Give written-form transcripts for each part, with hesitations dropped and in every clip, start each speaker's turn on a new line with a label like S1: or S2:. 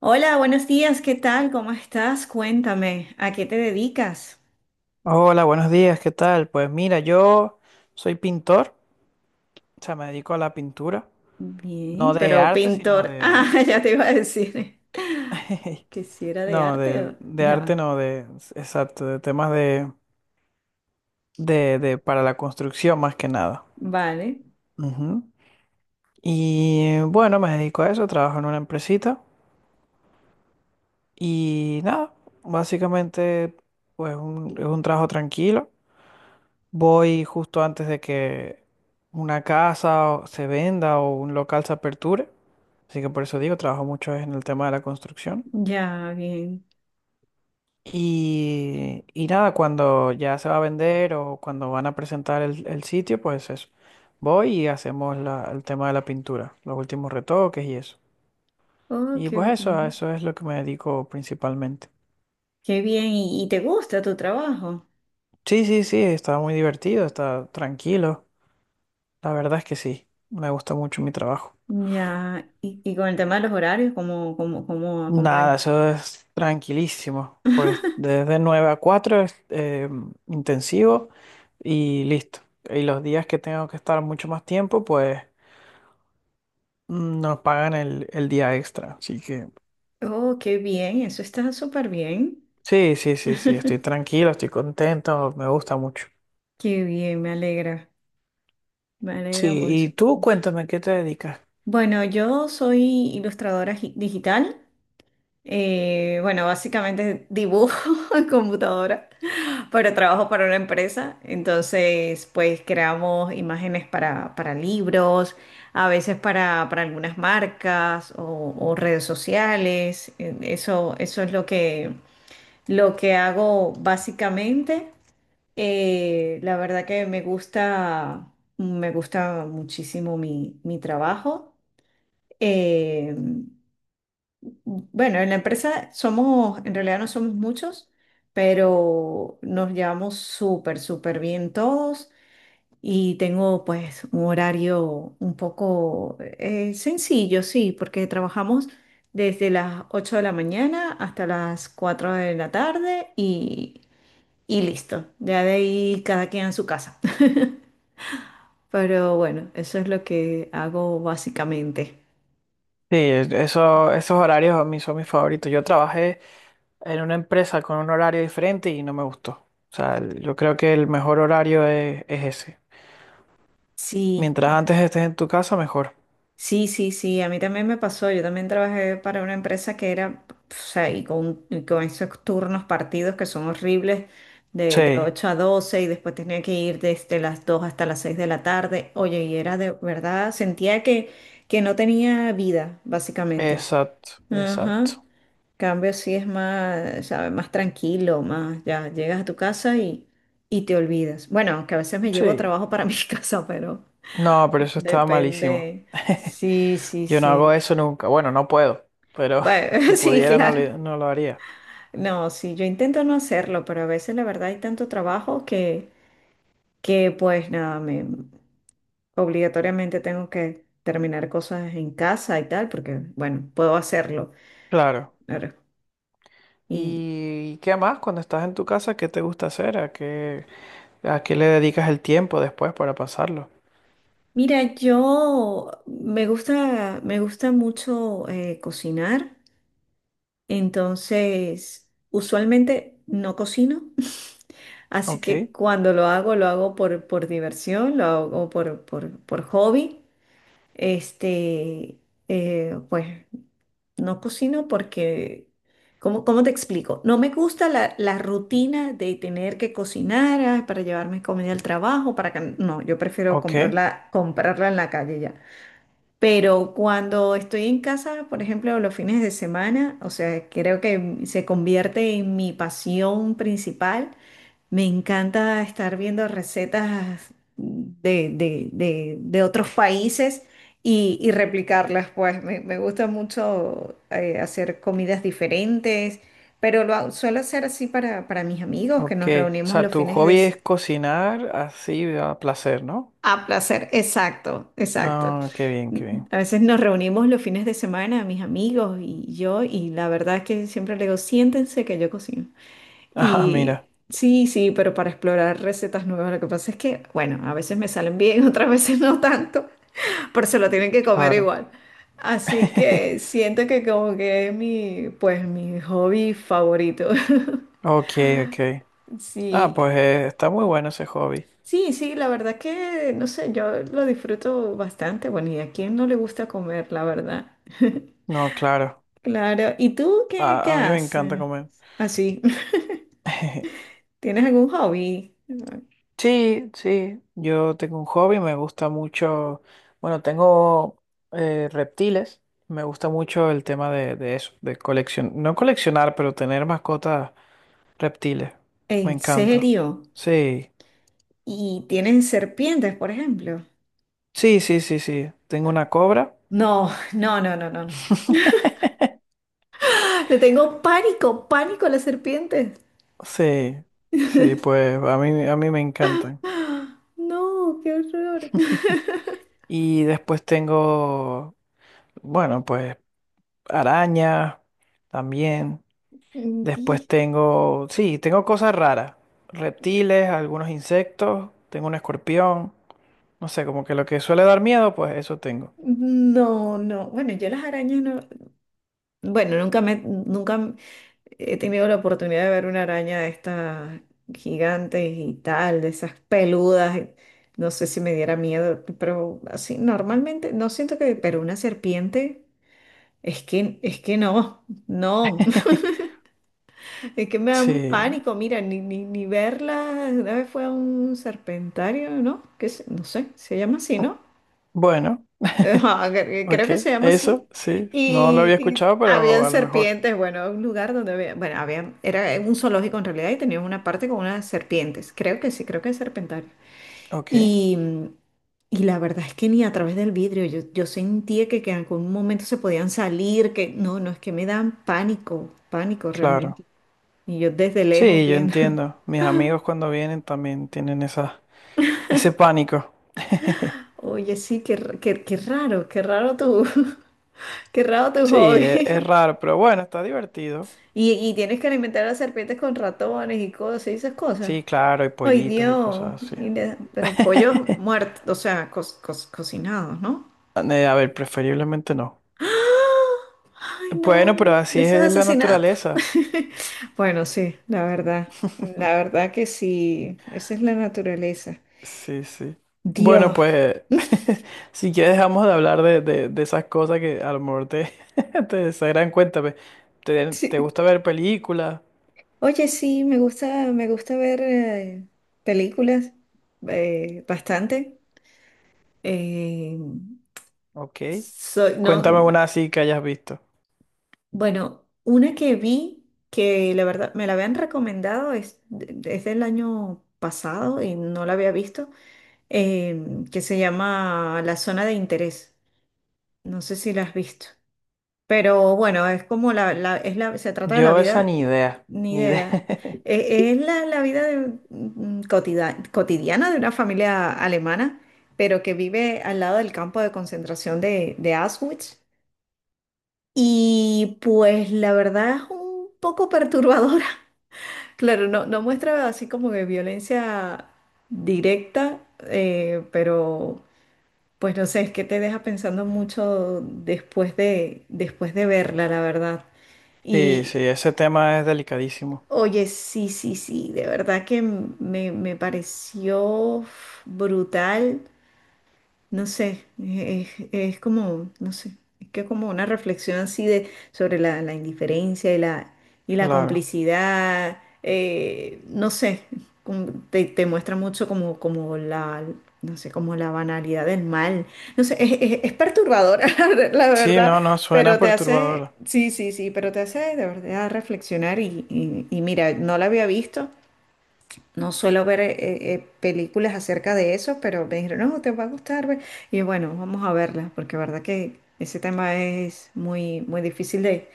S1: Hola, buenos días, ¿qué tal? ¿Cómo estás? Cuéntame, ¿a qué te dedicas?
S2: Hola, buenos días, ¿qué tal? Pues mira, yo soy pintor, o sea, me dedico a la pintura, no
S1: Bien,
S2: de
S1: pero
S2: arte, sino
S1: pintor.
S2: de...
S1: Ah, ya te iba a decir que si era de
S2: No,
S1: arte
S2: de, de arte,
S1: ya,
S2: no, de... Exacto, de temas de para la construcción más que nada.
S1: vale,
S2: Ujú. Y bueno, me dedico a eso, trabajo en una empresita y nada, básicamente pues es un trabajo tranquilo. Voy justo antes de que una casa se venda o un local se aperture. Así que por eso digo, trabajo mucho en el tema de la construcción.
S1: ya, bien.
S2: Y nada, cuando ya se va a vender o cuando van a presentar el sitio, pues eso. Voy y hacemos el tema de la pintura, los últimos retoques y eso.
S1: Oh,
S2: Y
S1: qué
S2: pues eso, a
S1: bien.
S2: eso es lo que me dedico principalmente.
S1: Qué bien, ¿y te gusta tu trabajo?
S2: Sí, sí, sí, está muy divertido, está tranquilo. La verdad es que sí, me gusta mucho mi trabajo.
S1: Ya, y con el tema de los horarios, ¿cómo es?
S2: Nada, eso es tranquilísimo. Porque desde 9 a 4 es intensivo y listo. Y los días que tengo que estar mucho más tiempo, pues nos pagan el día extra. Así que
S1: Oh, qué bien, eso está súper bien.
S2: sí, sí, sí, sí, estoy tranquilo, estoy contento, me gusta mucho.
S1: Qué bien, me alegra
S2: Sí,
S1: mucho.
S2: y tú cuéntame, ¿qué te dedicas?
S1: Bueno, yo soy ilustradora digital. Bueno, básicamente dibujo en computadora, pero trabajo para una empresa. Entonces, pues creamos imágenes para, libros, a veces para algunas marcas o redes sociales. Eso es lo que hago básicamente. La verdad que me gusta muchísimo mi trabajo. Eh, Bueno, en la empresa somos, en realidad no somos muchos, pero nos llevamos súper, súper bien todos y tengo pues un horario un poco sencillo, sí, porque trabajamos desde las 8 de la mañana hasta las 4 de la tarde y listo, ya de ahí cada quien en su casa. Pero bueno, eso es lo que hago básicamente.
S2: Sí, eso, esos horarios a mí son mis favoritos. Yo trabajé en una empresa con un horario diferente y no me gustó. O sea, yo creo que el mejor horario es ese.
S1: Sí.
S2: Mientras antes estés en tu casa, mejor.
S1: Sí, sí, sí, a mí también me pasó. Yo también trabajé para una empresa que era, o sea, y con esos turnos partidos que son horribles, de
S2: Sí,
S1: 8 a 12 y después tenía que ir desde las 2 hasta las 6 de la tarde. Oye, y era de verdad, sentía que no tenía vida, básicamente.
S2: exacto,
S1: Ajá. En
S2: exacto.
S1: cambio sí es más, ¿sabes? Más tranquilo, más, ya llegas a tu casa y te olvidas. Bueno, que a veces me llevo
S2: Sí.
S1: trabajo para mi casa.
S2: No, pero eso estaba malísimo.
S1: Depende. Sí, sí,
S2: Yo no hago
S1: sí.
S2: eso nunca. Bueno, no puedo, pero si
S1: Bueno, sí,
S2: pudiera no,
S1: claro.
S2: no lo haría.
S1: No, sí, yo intento no hacerlo, pero a veces la verdad hay tanto trabajo que pues nada, me obligatoriamente tengo que terminar cosas en casa y tal, porque bueno, puedo hacerlo.
S2: Claro.
S1: Claro. Y
S2: ¿Y qué más? Cuando estás en tu casa, ¿qué te gusta hacer? A qué le dedicas el tiempo después para pasarlo?
S1: mira, yo me gusta, mucho cocinar, entonces usualmente no cocino. Así
S2: Ok,
S1: que cuando lo hago por diversión, lo hago por hobby. Este, pues no cocino porque, ¿cómo te explico? No me gusta la rutina de tener que cocinar para llevarme comida al trabajo, para que, no, yo prefiero
S2: ok,
S1: comprarla en la calle ya. Pero cuando estoy en casa, por ejemplo, los fines de semana, o sea, creo que se convierte en mi pasión principal. Me encanta estar viendo recetas de otros países y replicarlas, pues me gusta mucho hacer comidas diferentes, pero suelo hacer así para mis amigos que
S2: ok.
S1: nos
S2: O
S1: reunimos
S2: sea,
S1: los
S2: tu
S1: fines de...
S2: hobby
S1: s-
S2: es cocinar así a placer, ¿no?
S1: A placer, exacto, exacto.
S2: Ah, qué bien, qué bien.
S1: A veces nos reunimos los fines de semana, mis amigos y yo, y la verdad es que siempre le digo, siéntense que yo cocino.
S2: Ah, mira,
S1: Y sí, sí, pero para explorar recetas nuevas, lo que pasa es que, bueno, a veces me salen bien, otras veces no tanto, pero se lo tienen que comer
S2: claro.
S1: igual. Así que siento que como que es mi, pues mi hobby favorito.
S2: Ok, ok. Ah,
S1: Sí,
S2: pues está muy bueno ese hobby.
S1: sí, sí, la verdad que, no sé, yo lo disfruto bastante. Bueno, ¿y a quién no le gusta comer, la verdad?
S2: No, claro.
S1: Claro. ¿Y tú qué,
S2: A mí me encanta
S1: haces?
S2: comer.
S1: Así, ¿tienes algún hobby?
S2: Sí, sí. Yo tengo un hobby, me gusta mucho. Bueno, tengo reptiles. Me gusta mucho el tema de eso, de coleccionar. No coleccionar, pero tener mascotas reptiles. Me
S1: ¿En
S2: encanta.
S1: serio?
S2: Sí.
S1: Y tienen serpientes, por ejemplo.
S2: Sí, sí, sí, sí. Tengo una cobra.
S1: No, no, no, no, no, no. Le tengo pánico, pánico a las serpientes.
S2: Sí, sí, pues a mí me encantan.
S1: ¡Ah! No, qué horror.
S2: Y después tengo, bueno, pues arañas también.
S1: Di-
S2: Después tengo, sí, tengo cosas raras. Reptiles, algunos insectos, tengo un escorpión. No sé, como que lo que suele dar miedo, pues eso tengo.
S1: No, no. Bueno, yo las arañas no. Bueno, nunca he tenido la oportunidad de ver una araña de estas gigantes y tal, de esas peludas. No sé si me diera miedo, pero así normalmente no siento que, pero una serpiente es que no, no. Es que me da un
S2: Sí,
S1: pánico, mira, ni verla. Una vez fue a un serpentario, ¿no? Que no sé, se llama así, ¿no?
S2: bueno,
S1: Ajá,
S2: ok,
S1: creo que se llama así.
S2: eso, sí. No lo
S1: Y,
S2: había
S1: y
S2: escuchado,
S1: habían
S2: pero a lo mejor.
S1: serpientes, bueno, un lugar donde había, bueno, había, era un zoológico en realidad y tenían una parte con unas serpientes. Creo que sí, creo que es serpentario.
S2: Ok,
S1: Y, y la verdad es que ni a través del vidrio, yo sentía que en algún momento se podían salir, que no, no, es que me dan pánico, pánico realmente.
S2: claro.
S1: Y yo desde lejos
S2: Sí, yo
S1: viendo.
S2: entiendo. Mis amigos cuando vienen también tienen esa, ese pánico.
S1: Oye, sí, qué raro, qué raro tu, qué raro tu
S2: Sí, es
S1: hobby.
S2: raro, pero bueno, está divertido.
S1: Y tienes que alimentar a las serpientes con ratones y cosas y esas cosas.
S2: Sí, claro, y
S1: Ay,
S2: pollitos y
S1: Dios.
S2: cosas así.
S1: Y pero pollos muertos, o sea, cocinados, ¿no?
S2: A ver, preferiblemente no.
S1: ¡Ah! Ay, no,
S2: Bueno, pero así
S1: eso es
S2: es la
S1: asesinato.
S2: naturaleza.
S1: Bueno, sí, la verdad que sí, esa es la naturaleza.
S2: Sí, sí. Bueno,
S1: Dios.
S2: pues si ya dejamos de hablar de de esas cosas que a lo mejor te, te desagran, cuéntame. ¿Te, te
S1: Sí,
S2: gusta ver películas?
S1: oye, sí, me gusta ver películas bastante. Eh,
S2: Ok.
S1: Soy,
S2: Cuéntame
S1: no,
S2: una así que hayas visto.
S1: bueno, una que vi que la verdad me la habían recomendado es del año pasado y no la había visto, que se llama La Zona de Interés. No sé si la has visto. Pero bueno, es como la, se trata de la
S2: Yo esa ni
S1: vida,
S2: idea,
S1: ni
S2: ni idea.
S1: idea. Es, la vida cotidiana de una familia alemana, pero que vive al lado del campo de concentración de Auschwitz. Y pues la verdad es un poco perturbadora. Claro, no, no muestra así como que violencia directa, pero pues no sé, es que te deja pensando mucho después de verla, la verdad.
S2: Sí, sí,
S1: Y
S2: ese tema es delicadísimo.
S1: oye, sí, sí, sí, de verdad que me pareció brutal. No sé, es como, no sé, es que como una reflexión así de sobre la indiferencia y la
S2: Claro.
S1: complicidad, no sé, como te muestra mucho como la, no sé, como la banalidad del mal. No sé, es perturbadora, la ver- la
S2: Sí,
S1: verdad,
S2: no, no, suena
S1: pero te hace,
S2: perturbador.
S1: sí, sí, sí, pero te hace de verdad reflexionar y mira, no la había visto. No suelo ver películas acerca de eso, pero me dijeron, no, te va a gustar. Ve. Y bueno, vamos a verla, porque verdad que ese tema es muy, muy difícil de,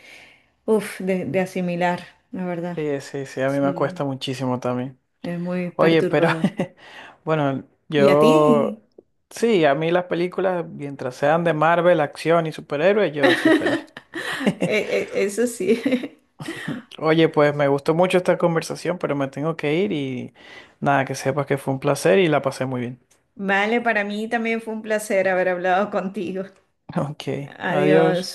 S1: uf, de, de asimilar, la verdad.
S2: Sí, sí, sí, a mí me
S1: Sí,
S2: cuesta muchísimo también.
S1: es muy
S2: Oye, pero
S1: perturbador.
S2: bueno,
S1: ¿Y a
S2: yo
S1: ti?
S2: sí, a mí las películas, mientras sean de Marvel, acción y superhéroes, yo estoy feliz.
S1: Eso sí.
S2: Oye, pues me gustó mucho esta conversación, pero me tengo que ir y nada, que sepas que fue un placer y la pasé muy bien.
S1: Vale, para mí también fue un placer haber hablado contigo.
S2: Ok,
S1: Adiós.
S2: adiós.